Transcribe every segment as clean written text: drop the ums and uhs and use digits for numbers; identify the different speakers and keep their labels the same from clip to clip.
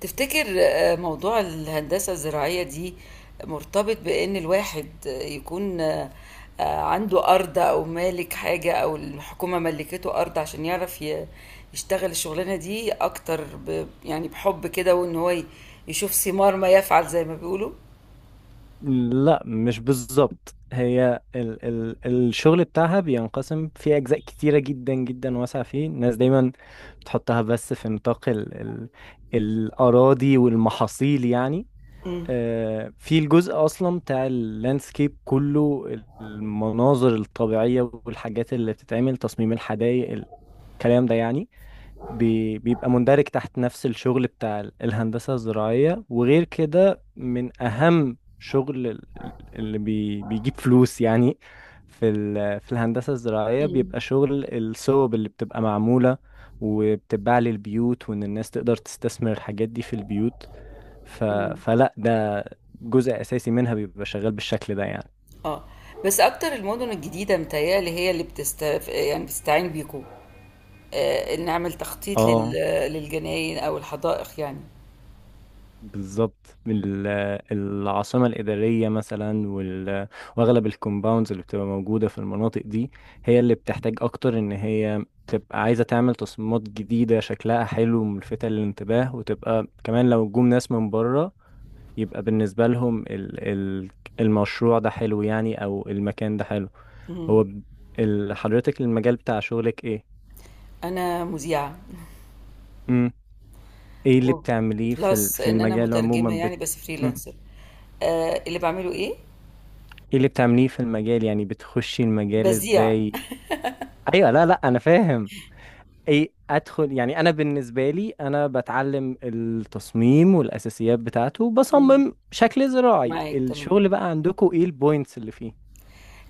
Speaker 1: تفتكر موضوع الهندسة الزراعية دي مرتبط بإن الواحد يكون عنده أرض أو مالك حاجة أو الحكومة ملكته أرض عشان يعرف يشتغل الشغلانة دي أكتر يعني بحب كده وإن هو يشوف ثمار ما يفعل زي ما بيقولوا؟
Speaker 2: لا، مش بالظبط، هي ال الشغل بتاعها بينقسم في أجزاء كتيرة جدا جدا واسعة. فيه الناس دايما بتحطها بس في نطاق ال الأراضي والمحاصيل يعني.
Speaker 1: مم.
Speaker 2: في الجزء أصلا بتاع اللاندسكيب كله، المناظر الطبيعية والحاجات اللي بتتعمل تصميم الحدائق، الكلام ده يعني بيبقى مندرج تحت نفس الشغل بتاع الهندسة الزراعية. وغير كده، من أهم شغل اللي بيجيب فلوس، يعني في الهندسة الزراعية
Speaker 1: مم.
Speaker 2: بيبقى شغل الصوب اللي بتبقى معمولة وبتتباع للبيوت، وإن الناس تقدر تستثمر الحاجات دي في البيوت. ف...
Speaker 1: مم.
Speaker 2: فلا ده جزء أساسي منها بيبقى شغال بالشكل ده يعني.
Speaker 1: اه، بس أكتر المدن الجديدة متهيألي هي اللي بتست، يعني بتستعين بيكوا، إن نعمل تخطيط
Speaker 2: اه،
Speaker 1: للجناين أو الحدائق.
Speaker 2: بالظبط، العاصمة الإدارية مثلا وأغلب الكومباوندز اللي بتبقى موجودة في المناطق دي هي اللي بتحتاج أكتر إن هي تبقى عايزة تعمل تصميمات جديدة شكلها حلو وملفتة للانتباه، وتبقى كمان لو جم ناس من بره، يبقى بالنسبة لهم المشروع ده حلو يعني، أو المكان ده حلو.
Speaker 1: يعني
Speaker 2: هو ب- حضرتك المجال بتاع شغلك إيه؟
Speaker 1: أنا مذيعة.
Speaker 2: مم. إيه اللي بتعمليه في
Speaker 1: وبلس
Speaker 2: في
Speaker 1: إن أنا
Speaker 2: المجال
Speaker 1: مترجمة،
Speaker 2: عموما
Speaker 1: يعني
Speaker 2: بت...
Speaker 1: بس
Speaker 2: مم.
Speaker 1: فريلانسر. اللي بعمله إيه؟
Speaker 2: ايه اللي بتعمليه في المجال، يعني بتخشي المجال
Speaker 1: بذيع.
Speaker 2: ازاي؟ ايوه، لا، لا، انا فاهم. ايه ادخل يعني، انا بالنسبه لي انا بتعلم التصميم والاساسيات بتاعته،
Speaker 1: مم.
Speaker 2: بصمم شكل زراعي.
Speaker 1: معاك، تمام.
Speaker 2: الشغل بقى عندكم، ايه البوينتس اللي فيه؟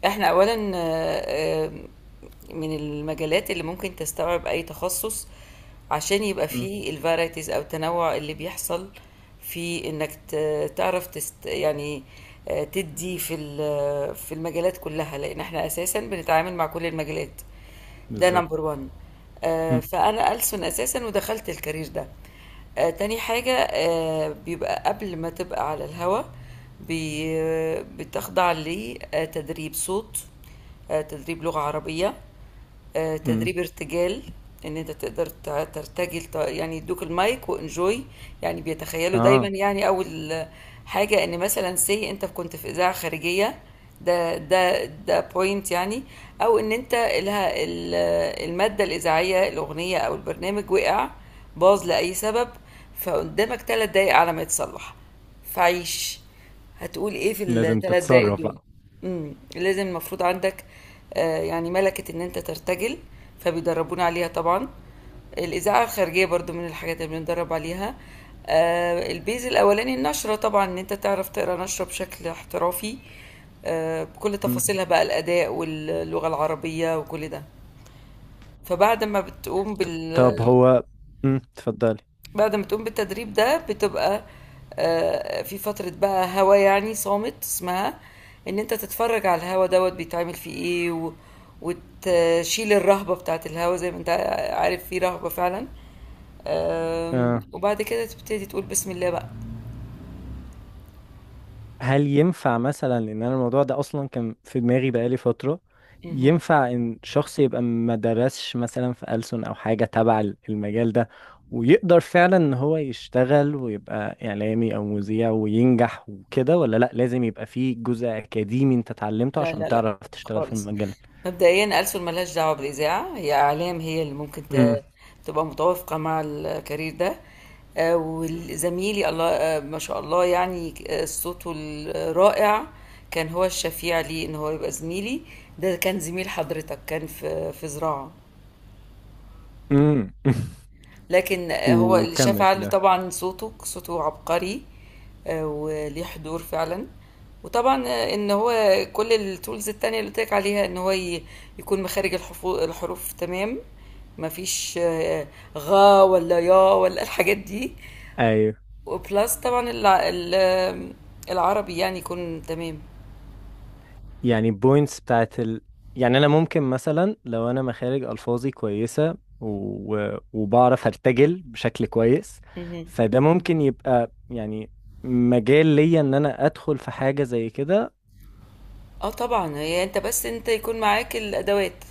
Speaker 1: إحنا أولا، من المجالات اللي ممكن تستوعب أي تخصص عشان يبقى
Speaker 2: مم.
Speaker 1: فيه الفارايتيز أو التنوع اللي بيحصل في إنك تعرف تست يعني، تدي في في المجالات كلها لأن إحنا أساسا بنتعامل مع كل المجالات. ده نمبر
Speaker 2: بالظبط.
Speaker 1: 1.
Speaker 2: مم.
Speaker 1: فانا ألسن اساسا ودخلت الكارير ده. تاني حاجة، بيبقى قبل ما تبقى على الهوا، بتخضع لتدريب صوت، تدريب لغة عربية،
Speaker 2: مم.
Speaker 1: تدريب ارتجال. ان انت تقدر ترتجل، يعني يدوك المايك وانجوي. يعني بيتخيلوا دايما،
Speaker 2: اه.
Speaker 1: يعني اول حاجة ان مثلا سي انت كنت في اذاعة خارجية، ده بوينت يعني. او ان انت لها المادة الاذاعية، الاغنية او البرنامج وقع، باظ لاي سبب، فقدامك 3 دقايق على ما يتصلح، فعيش، هتقول ايه في
Speaker 2: لازم
Speaker 1: الـ 3 دقايق
Speaker 2: تتصرف
Speaker 1: دول؟
Speaker 2: بقى.
Speaker 1: لازم، المفروض عندك يعني ملكة ان انت ترتجل، فبيدربونا عليها طبعا. الإذاعة الخارجية برضو من الحاجات اللي بندرب عليها. البيز الأولاني النشرة، طبعا ان انت تعرف تقرا نشرة بشكل احترافي، بكل
Speaker 2: مم.
Speaker 1: تفاصيلها بقى، الأداء واللغة العربية وكل ده. فبعد ما بتقوم
Speaker 2: طب
Speaker 1: بال
Speaker 2: هو. مم. اتفضلي.
Speaker 1: بعد ما تقوم بالتدريب ده بتبقى في فترة بقى هوا يعني صامت، اسمها ان انت تتفرج على الهوا دوت بيتعمل فيه ايه وتشيل الرهبة بتاعت الهوا، زي ما انت عارف في رهبة فعلا.
Speaker 2: آه.
Speaker 1: وبعد كده تبتدي تقول بسم الله بقى.
Speaker 2: هل ينفع مثلا ان انا، الموضوع ده اصلا كان في دماغي بقالي فترة،
Speaker 1: مهم.
Speaker 2: ينفع ان شخص يبقى ما درسش مثلا في ألسن او حاجة تبع المجال ده، ويقدر فعلا ان هو يشتغل ويبقى اعلامي او مذيع وينجح وكده، ولا لا، لازم يبقى فيه جزء اكاديمي انت اتعلمته
Speaker 1: لا،
Speaker 2: عشان
Speaker 1: لا، لا،
Speaker 2: تعرف تشتغل في
Speaker 1: خالص.
Speaker 2: المجال؟
Speaker 1: مبدئيا ألسن ملهاش دعوة بالإذاعة، هي إعلام، هي اللي ممكن
Speaker 2: امم
Speaker 1: تبقى متوافقة مع الكارير ده. وزميلي الله، ما شاء الله، يعني صوته الرائع كان هو الشفيع لي إن هو يبقى زميلي. ده كان زميل حضرتك، كان في زراعة.
Speaker 2: امم
Speaker 1: لكن هو اللي شاف
Speaker 2: وكمل في
Speaker 1: علي
Speaker 2: ده.
Speaker 1: طبعًا. صوته عبقري. وليه حضور فعلًا، وطبعًا إن هو كل الtools التانية اللي قُلت لك عليها، إن هو يكون مخارج الحروف تمام، ما فيش غ ولا يا ولا الحاجات دي،
Speaker 2: ايوه،
Speaker 1: وplus طبعًا الع ال آه، العربي يعني يكون تمام.
Speaker 2: يعني بوينتس بتاعت. يعني انا ممكن مثلا لو انا مخارج الفاظي كويسه وبعرف ارتجل بشكل كويس،
Speaker 1: اهم.
Speaker 2: فده ممكن يبقى يعني مجال ليا ان انا ادخل في حاجه زي كده.
Speaker 1: طبعًا، هي أنت، بس أنت يكون معاك الأدوات،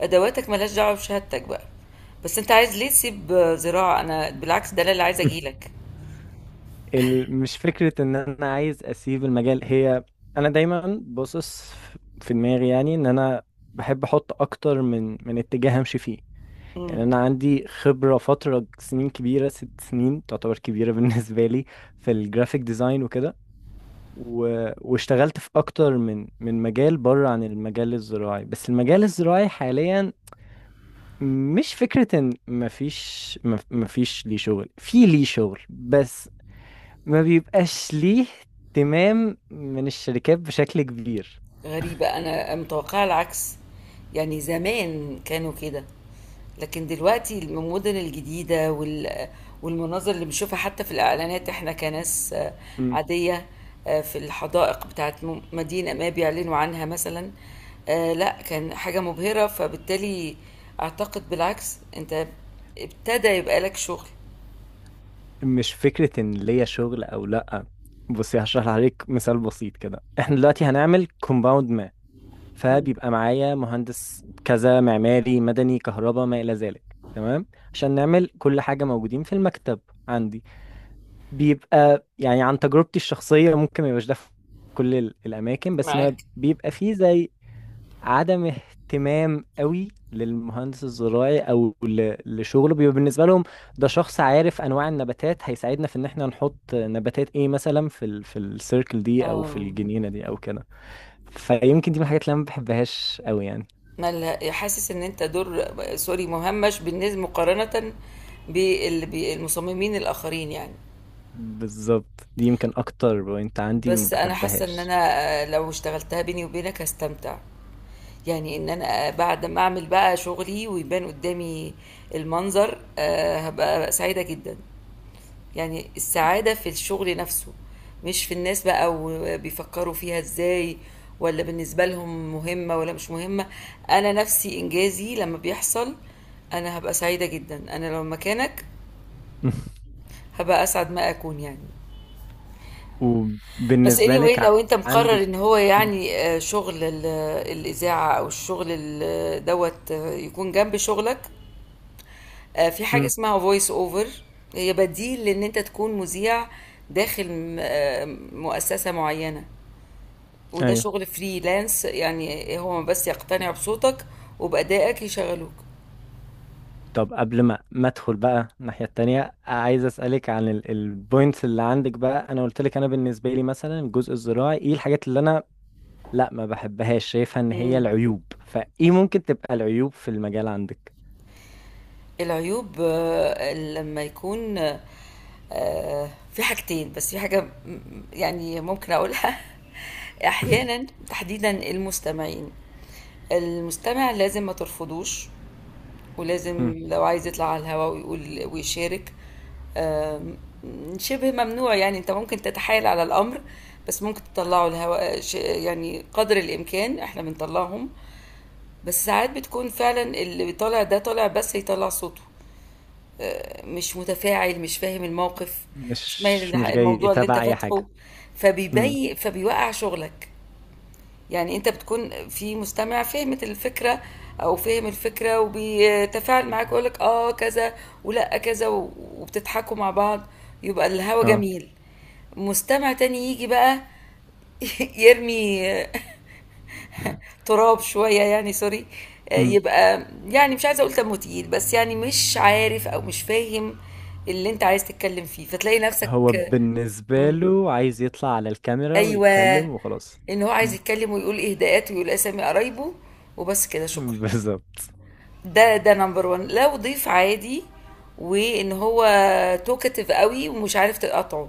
Speaker 1: أدواتك ما لهاش دعوة بشهادتك بقى. بس أنت عايز ليه تسيب زراعة؟ أنا بالعكس، ده أنا اللي عايزة أجي لك.
Speaker 2: مش فكره ان انا عايز اسيب المجال، هي انا دايما باصص في دماغي يعني، ان انا بحب احط اكتر من اتجاه امشي فيه.
Speaker 1: إمم.
Speaker 2: يعني أنا عندي خبرة فترة سنين كبيرة، 6 سنين تعتبر كبيرة بالنسبة لي، في الجرافيك ديزاين وكده و... واشتغلت في أكتر من مجال بره عن المجال الزراعي. بس المجال الزراعي حاليا، مش فكرة إن مفيش مفيش ليه شغل، في ليه شغل بس ما بيبقاش ليه اهتمام من الشركات بشكل كبير.
Speaker 1: غريبة، أنا متوقعة العكس، يعني زمان كانوا كده. لكن دلوقتي المدن الجديدة والمناظر اللي بنشوفها حتى في الإعلانات، إحنا كناس
Speaker 2: م-
Speaker 1: عادية، في الحدائق بتاعة مدينة ما بيعلنوا عنها مثلا، لا كان حاجة مبهرة، فبالتالي أعتقد بالعكس، أنت ابتدى يبقى لك شغل.
Speaker 2: مش فكرة إن ليا شغل أو لأ. بصي، هشرح لحضرتك مثال بسيط كده، احنا دلوقتي هنعمل كومباوند،
Speaker 1: مم.
Speaker 2: فبيبقى معايا مهندس كذا، معماري، مدني، كهرباء، ما إلى ذلك، تمام؟ عشان نعمل كل حاجة موجودين في المكتب عندي. بيبقى يعني عن تجربتي الشخصية، ممكن ما يبقاش ده في كل الأماكن، بس ما
Speaker 1: معاك.
Speaker 2: بيبقى فيه زي عدم اهتمام قوي للمهندس الزراعي أو لشغله. بيبقى بالنسبة لهم ده شخص عارف أنواع النباتات، هيساعدنا في إن إحنا نحط نباتات إيه مثلا في السيركل دي أو في
Speaker 1: اه،
Speaker 2: الجنينة دي أو كده. فيمكن دي من الحاجات اللي أنا ما بحبهاش قوي يعني.
Speaker 1: مالها، حاسس ان انت دور سوري مهمش بالنسبه مقارنه بالمصممين الاخرين يعني.
Speaker 2: بالظبط، دي يمكن اكتر بوينت عندي ما
Speaker 1: بس أنا حاسة إن أنا
Speaker 2: بحبهاش.
Speaker 1: لو اشتغلتها بيني وبينك هاستمتع، يعني إن أنا بعد ما أعمل بقى شغلي ويبان قدّامي المنظر، هابقى سعيدة جدًا. يعني السعادة في الشغل نفسه، مش في الناس بقى وبيفكّروا فيها إزاي والّا بالنسبة لهم مهمة والّا مش مهمة. أنا نفسي إنجازي لمّا بيحصل أنا هابقى سعيدة جدًا، أنا لو مكانك هابقى أسعد ما أكون يعني. بس
Speaker 2: وبالنسبة لك
Speaker 1: anyway لو انت مقرر ان
Speaker 2: عندك.
Speaker 1: هو
Speaker 2: مم.
Speaker 1: يعني، شغل الاذاعه او الشغل دوت يكون جنب شغلك، في حاجه
Speaker 2: مم.
Speaker 1: اسمها فويس اوفر. هي بديل لان انت تكون مذيع داخل مؤسسه معينه، وده
Speaker 2: ايوه.
Speaker 1: شغل فريلانس، يعني هو بس يقتنع بصوتك وبأدائك يشغلوك.
Speaker 2: طب قبل ما ادخل بقى الناحية التانية، عايز اسألك عن البوينتس اللي عندك بقى. انا قلت لك، انا بالنسبة لي مثلا الجزء الزراعي ايه الحاجات اللي انا لا ما بحبهاش، شايفها ان هي
Speaker 1: مم.
Speaker 2: العيوب، فايه ممكن تبقى العيوب في المجال عندك؟
Speaker 1: العيوب، لما يكون في حاجتين، بس في حاجة يعني ممكن أقولها. أحيانا تحديدا المستمعين، المستمع لازم ما ترفضوش، ولازم
Speaker 2: مم.
Speaker 1: لو عايز يطلع على الهواء ويقول ويشارك. آم، شبه ممنوع، يعني انت ممكن تتحايل على الامر، بس ممكن تطلعه الهواء، يعني قدر الامكان احنا بنطلعهم. بس ساعات بتكون فعلا اللي طالع ده طالع بس يطلع صوته، مش متفاعل، مش فاهم الموقف، مش مايل
Speaker 2: مش جاي
Speaker 1: الموضوع اللي انت
Speaker 2: تبع اي
Speaker 1: فاتحه،
Speaker 2: حاجة. مم.
Speaker 1: فبيوقع شغلك. يعني انت بتكون في مستمع فهمت الفكرة او فهم الفكرة وبيتفاعل معاك ويقول لك اه كذا ولا كذا وبتضحكوا مع بعض، يبقى الهوا
Speaker 2: اه،
Speaker 1: جميل. مستمع تاني يجي بقى يرمي تراب شوية، يعني سوري، يبقى يعني مش عايزة أقول تموتيل، بس يعني مش عارف أو مش فاهم اللي أنت عايز تتكلم فيه، فتلاقي نفسك
Speaker 2: هو بالنسبة له عايز يطلع على الكاميرا
Speaker 1: أيوة،
Speaker 2: ويتكلم وخلاص.
Speaker 1: إن هو عايز
Speaker 2: مم.
Speaker 1: يتكلم ويقول إهداءات ويقول أسامي قرايبه وبس كده شكرا.
Speaker 2: بالظبط.
Speaker 1: ده نمبر وان لو ضيف عادي، وإن هو توكتيف قوي ومش عارف تقاطعه،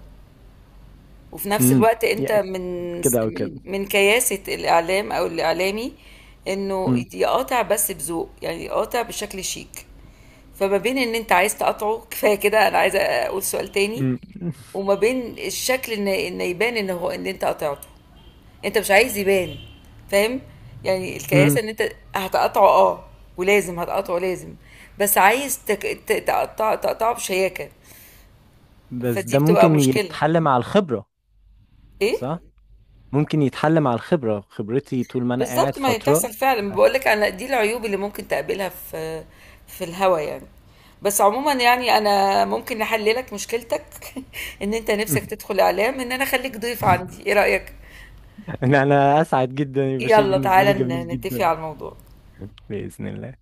Speaker 1: وفي نفس
Speaker 2: امم
Speaker 1: الوقت انت
Speaker 2: يعني
Speaker 1: من
Speaker 2: كده او كده.
Speaker 1: من من كياسة الاعلام او الاعلامي انه
Speaker 2: امم
Speaker 1: يقاطع بس بذوق، يعني يقاطع بشكل شيك. فما بين ان انت عايز تقاطعه كفايه كده، انا عايزه اقول سؤال تاني،
Speaker 2: امم
Speaker 1: وما بين الشكل ان يبان ان هو ان انت قطعته، انت مش عايز يبان، فاهم. يعني
Speaker 2: امم
Speaker 1: الكياسه ان انت هتقطعه، اه، ولازم هتقطعه لازم، بس عايز تك... ت- تقطع تقطعه بشياكه.
Speaker 2: بس
Speaker 1: فدي
Speaker 2: ده
Speaker 1: بتبقى
Speaker 2: ممكن
Speaker 1: مشكله.
Speaker 2: يتحل مع الخبرة.
Speaker 1: ايه.
Speaker 2: صح، ممكن يتحل مع الخبرة، خبرتي طول ما انا
Speaker 1: بالظبط،
Speaker 2: قاعد
Speaker 1: ما هي
Speaker 2: فترة
Speaker 1: بتحصل فعلا،
Speaker 2: بس.
Speaker 1: بقول لك انا دي العيوب اللي ممكن تقابلها في الهوا يعني. بس عموما، يعني انا ممكن احل لك مشكلتك ان انت نفسك تدخل اعلام، ان انا اخليك ضيف عندي، ايه رأيك؟
Speaker 2: ان انا اسعد جدا يبقى شيء
Speaker 1: يلا
Speaker 2: بالنسبة
Speaker 1: تعالى
Speaker 2: لي جميل
Speaker 1: نتفق
Speaker 2: جدا.
Speaker 1: على الموضوع.
Speaker 2: بإذن الله.